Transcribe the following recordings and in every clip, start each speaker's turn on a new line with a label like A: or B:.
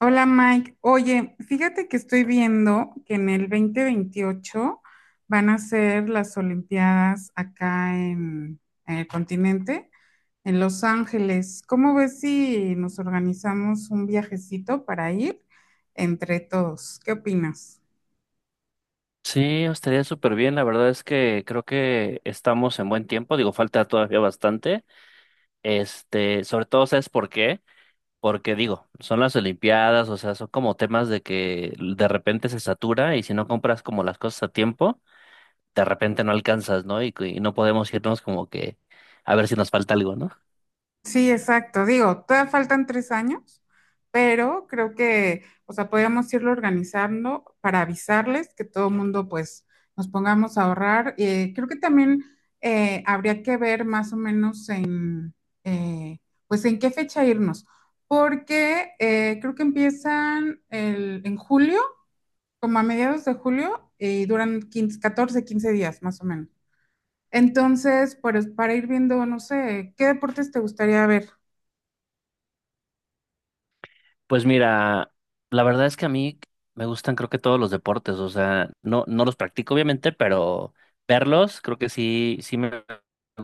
A: Hola Mike, oye, fíjate que estoy viendo que en el dos mil veintiocho van a ser las Olimpiadas acá en el continente, en Los Ángeles. ¿Cómo ves si nos organizamos un viajecito para ir entre todos? ¿Qué opinas?
B: Sí, estaría súper bien. La verdad es que creo que estamos en buen tiempo. Digo, falta todavía bastante. Este, sobre todo, ¿sabes por qué? Porque digo, son las Olimpiadas, o sea, son como temas de que de repente se satura y si no compras como las cosas a tiempo, de repente no alcanzas, ¿no? Y no podemos irnos como que a ver si nos falta algo, ¿no?
A: Sí, exacto. Digo, todavía faltan tres años, pero creo que, o sea, podríamos irlo organizando para avisarles que todo el mundo, pues, nos pongamos a ahorrar. Creo que también habría que ver más o menos eh, pues, en qué fecha irnos, porque creo que empiezan en julio, como a mediados de julio, y duran 15, 14, 15 días, más o menos. Entonces, pues, para ir viendo, no sé, ¿qué deportes te gustaría ver?
B: Pues mira, la verdad es que a mí me gustan creo que todos los deportes, o sea, no los practico obviamente, pero verlos creo que sí, sí me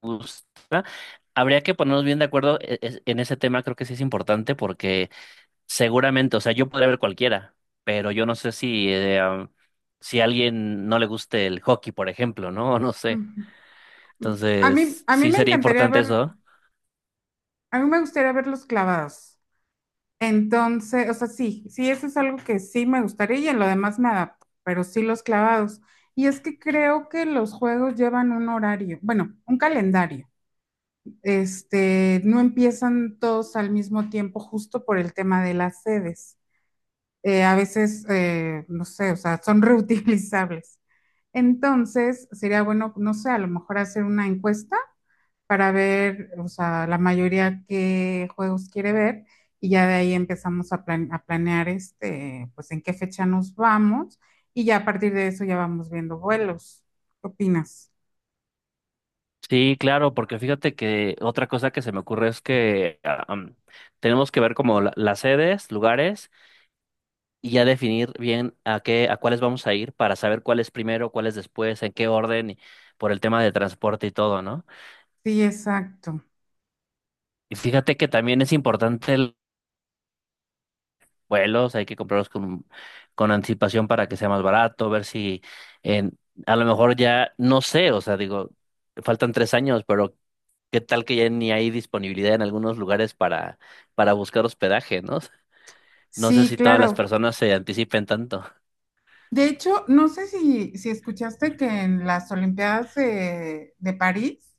B: gusta. Habría que ponernos bien de acuerdo en ese tema, creo que sí es importante porque seguramente, o sea, yo podría ver cualquiera, pero yo no sé si, si a alguien no le guste el hockey, por ejemplo, ¿no? No sé.
A: Ujú. a mí,
B: Entonces,
A: a mí
B: sí
A: me
B: sería
A: encantaría
B: importante
A: ver,
B: eso.
A: a mí me gustaría verlos clavados. Entonces, o sea, sí, sí, eso es algo que sí me gustaría y en lo demás me adapto, pero sí los clavados. Y es que creo que los juegos llevan un horario, bueno, un calendario. Este, no empiezan todos al mismo tiempo justo por el tema de las sedes. A veces, no sé, o sea, son reutilizables. Entonces, sería bueno, no sé, a lo mejor hacer una encuesta para ver, o sea, la mayoría qué juegos quiere ver y ya de ahí empezamos a planear este, pues en qué fecha nos vamos y ya a partir de eso ya vamos viendo vuelos. ¿Qué opinas?
B: Sí, claro, porque fíjate que otra cosa que se me ocurre es que tenemos que ver como las sedes, lugares y ya definir bien a qué, a cuáles vamos a ir para saber cuál es primero, cuál es después, en qué orden, y por el tema de transporte y todo, ¿no?
A: Sí, exacto.
B: Y fíjate que también es importante el vuelos, hay que comprarlos con anticipación para que sea más barato, ver si en, a lo mejor ya, no sé, o sea, digo, faltan 3 años, pero qué tal que ya ni hay disponibilidad en algunos lugares para buscar hospedaje, ¿no? No sé
A: Sí,
B: si todas las
A: claro.
B: personas se anticipen tanto.
A: De hecho, no sé si escuchaste que en las Olimpiadas de París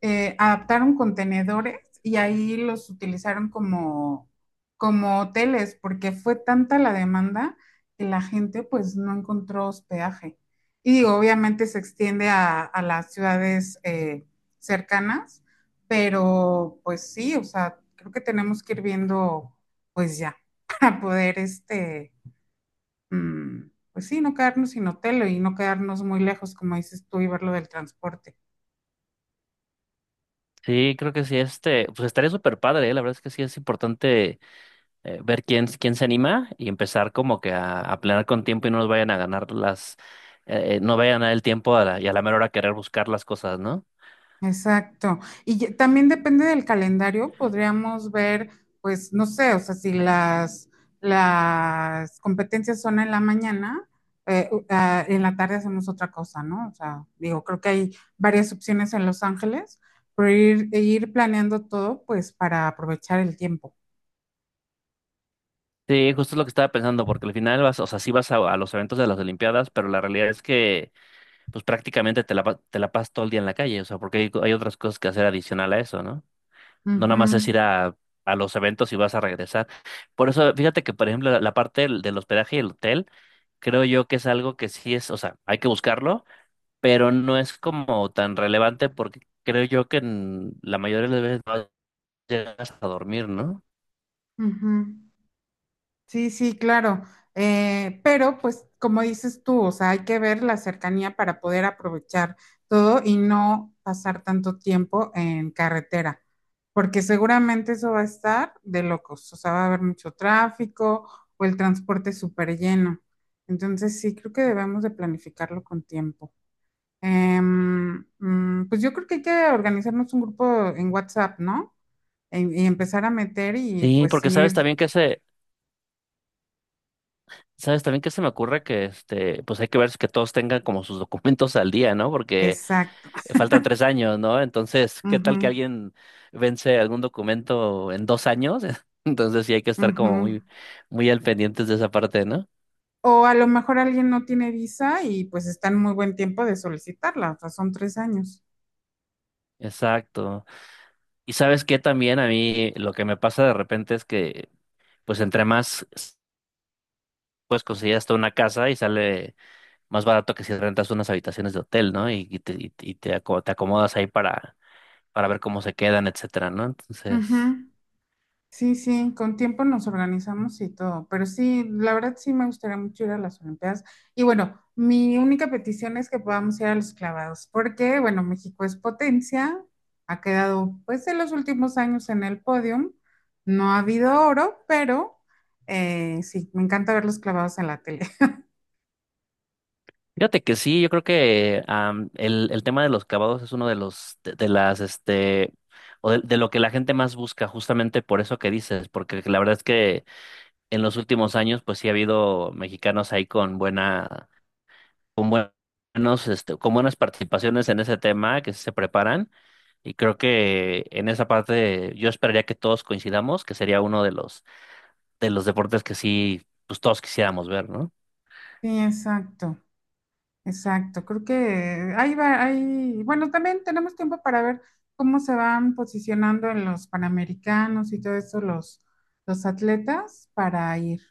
A: adaptaron contenedores y ahí los utilizaron como hoteles, porque fue tanta la demanda que la gente pues no encontró hospedaje. Y digo, obviamente se extiende a las ciudades cercanas, pero pues sí, o sea, creo que tenemos que ir viendo pues ya para poder este, mm, pues sí, no quedarnos sin hotel y no quedarnos muy lejos, como dices tú, y ver lo del transporte.
B: Sí, creo que sí, este, pues estaría súper padre, ¿eh? La verdad es que sí es importante ver quién, quién se anima y empezar como que a planear con tiempo y no nos vayan a ganar las, no vayan a dar el tiempo a la mera hora querer buscar las cosas, ¿no?
A: Exacto. Y también depende del calendario, podríamos ver, pues, no sé, o sea, si las competencias son en la mañana, en la tarde hacemos otra cosa, ¿no? O sea, digo, creo que hay varias opciones en Los Ángeles, pero ir planeando todo, pues, para aprovechar el tiempo.
B: Sí, justo es lo que estaba pensando, porque al final vas, o sea, sí vas a los eventos de las Olimpiadas, pero la realidad es que pues prácticamente te la, te la pasas todo el día en la calle, o sea, porque hay otras cosas que hacer adicional a eso, ¿no? No nada
A: Ujú,
B: más es ir a los eventos y vas a regresar. Por eso, fíjate que, por ejemplo, la parte del, del hospedaje y el hotel, creo yo que es algo que sí es, o sea, hay que buscarlo, pero no es como tan relevante porque creo yo que en la mayoría de las veces no llegas a dormir, ¿no?
A: ujú. Sí, sí, claro. Pero pues como dices tú, o sea, hay que ver la cercanía para poder aprovechar todo y no pasar tanto tiempo en carretera, porque seguramente eso va a estar de locos, o sea, va a haber mucho tráfico o el transporte súper lleno. Entonces sí, creo que debemos de planificarlo con tiempo. Pues yo creo que hay que organizarnos un grupo en WhatsApp, ¿no? Y empezar a meter y
B: Sí,
A: pues
B: porque sabes
A: ir,
B: también que se, sabes también que se me ocurre que este, pues hay que ver que todos tengan como sus documentos al día, ¿no? Porque
A: exacto.
B: faltan 3 años, ¿no? Entonces, ¿qué tal que
A: Ujú,
B: alguien vence algún documento en 2 años? Entonces sí hay que estar como
A: ujú.
B: muy, muy al pendientes de esa parte, ¿no?
A: O a lo mejor alguien no tiene visa y pues está en muy buen tiempo de solicitarla, o sea, son tres años.
B: Exacto. Y sabes que también a mí lo que me pasa de repente es que, pues entre más, pues consigues hasta una casa y sale más barato que si rentas unas habitaciones de hotel, ¿no? Te acomodas ahí para ver cómo se quedan, etcétera, ¿no? Entonces...
A: Ujú. Sí, sí, con tiempo nos organizamos y todo, pero sí, la verdad sí me gustaría mucho ir a las Olimpiadas. Y bueno, mi única petición es que podamos ir a los clavados, porque bueno, México es potencia, ha quedado pues en los últimos años en el podium, no ha habido oro, pero sí, me encanta ver los clavados en la tele.
B: Fíjate que sí, yo creo que am, el tema de los clavados es uno de los, de las, este, o de lo que la gente más busca, justamente por eso que dices, porque la verdad es que en los últimos años, pues sí ha habido mexicanos ahí con buena, con buenos, este, con buenas participaciones en ese tema, que sí se preparan, y creo que en esa parte yo esperaría que todos coincidamos, que sería uno de los deportes que sí, pues todos quisiéramos ver, ¿no?
A: Sí, exacto. Exacto, creo que ahí va, ahí, bueno, también tenemos tiempo para ver cómo se van posicionando en los Panamericanos y todo eso los atletas para ir.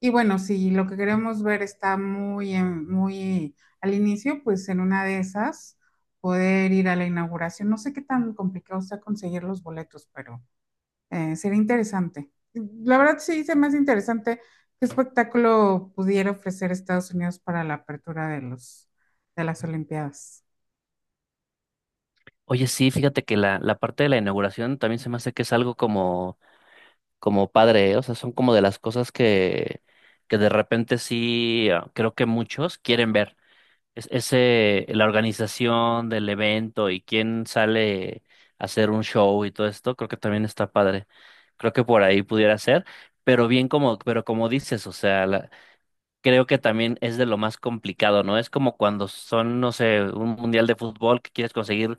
A: Y bueno, si lo que queremos ver está muy al inicio, pues en una de esas poder ir a la inauguración. No sé qué tan complicado sea conseguir los boletos, pero sería interesante. La verdad sí se me hace interesante qué espectáculo pudiera ofrecer Estados Unidos para la apertura de de las Olimpiadas.
B: Oye, sí, fíjate que la parte de la inauguración también se me hace que es algo como, como padre, ¿eh? O sea, son como de las cosas que de repente sí ah, creo que muchos quieren ver. Es, ese, la organización del evento y quién sale a hacer un show y todo esto, creo que también está padre. Creo que por ahí pudiera ser, pero bien como, pero como dices, o sea, creo que también es de lo más complicado, ¿no? Es como cuando son, no sé, un mundial de fútbol que quieres conseguir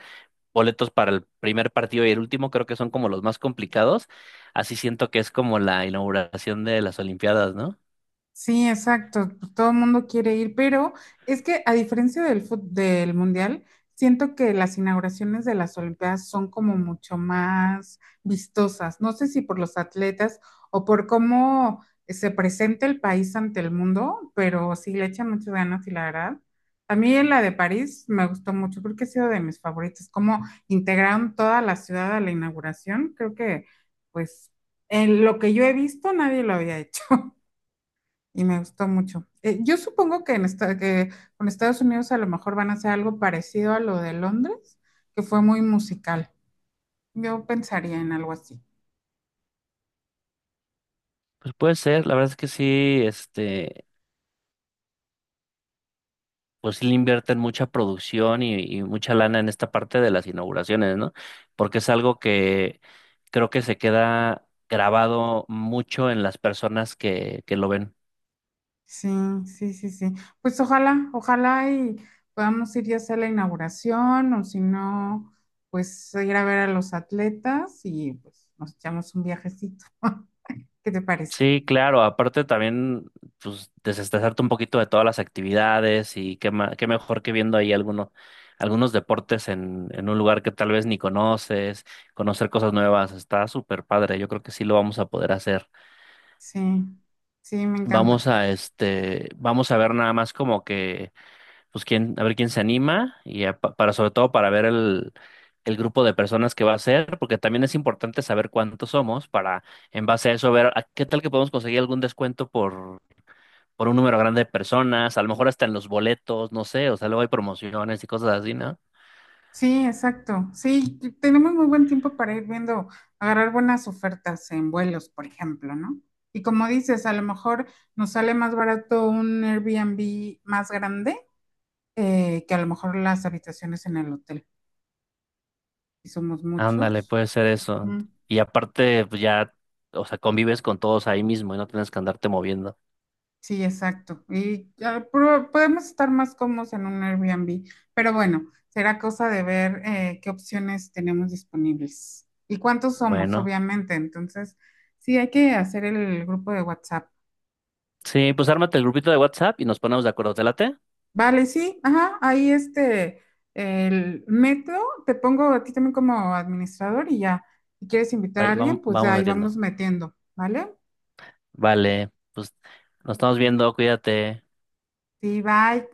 B: boletos para el primer partido y el último creo que son como los más complicados. Así siento que es como la inauguración de las Olimpiadas, ¿no?
A: Sí, exacto. Pues todo el mundo quiere ir, pero es que a diferencia del mundial, siento que las inauguraciones de las Olimpiadas son como mucho más vistosas. No sé si por los atletas o por cómo se presenta el país ante el mundo, pero sí le echan muchas ganas y la verdad. A mí en la de París me gustó mucho, creo que ha sido de mis favoritas. Cómo integraron toda la ciudad a la inauguración, creo que pues en lo que yo he visto nadie lo había hecho. Y me gustó mucho. Yo supongo que, que con Estados Unidos a lo mejor van a hacer algo parecido a lo de Londres, que fue muy musical. Yo pensaría en algo así.
B: Pues puede ser, la verdad es que sí, este, pues sí le invierten mucha producción y mucha lana en esta parte de las inauguraciones, ¿no? Porque es algo que creo que se queda grabado mucho en las personas que lo ven.
A: Sí, sí, sí, sí. Pues ojalá, ojalá y podamos ir ya sea a la inauguración o si no, pues ir a ver a los atletas y pues nos echamos un viajecito. ¿Qué te parece?
B: Sí, claro, aparte también, pues, desestresarte un poquito de todas las actividades y qué, qué mejor que viendo ahí alguno, algunos deportes en un lugar que tal vez ni conoces, conocer cosas nuevas, está súper padre, yo creo que sí lo vamos a poder hacer.
A: Sí, sí, me
B: Vamos
A: encanta.
B: a, este, vamos a ver nada más como que, pues, quién, a ver quién se anima y para, sobre todo para ver el grupo de personas que va a ser, porque también es importante saber cuántos somos para, en base a eso, ver a qué tal que podemos conseguir algún descuento por un número grande de personas, a lo mejor hasta en los boletos, no sé, o sea, luego hay promociones y cosas así, ¿no?
A: Sí, exacto. Sí, tenemos muy buen tiempo para ir viendo, agarrar buenas ofertas en vuelos, por ejemplo, ¿no? Y como dices, a lo mejor nos sale más barato un Airbnb más grande que a lo mejor las habitaciones en el hotel. Si somos
B: Ándale,
A: muchos.
B: puede ser eso.
A: Mm.
B: Y aparte, pues ya, o sea, convives con todos ahí mismo y no tienes que andarte moviendo.
A: Sí, exacto. Y ya podemos estar más cómodos en un Airbnb, pero bueno, será cosa de ver qué opciones tenemos disponibles y cuántos somos,
B: Bueno,
A: obviamente. Entonces, sí, hay que hacer el grupo de WhatsApp.
B: sí, pues ármate el grupito de WhatsApp y nos ponemos de acuerdo. ¿Te late?
A: Vale, sí, ajá, ahí este, el metro, te pongo a ti también como administrador y ya, si quieres invitar a alguien, pues
B: Vamos
A: ahí
B: metiendo.
A: vamos metiendo, ¿vale?
B: Vale, pues nos estamos viendo, cuídate.
A: Sí, bye.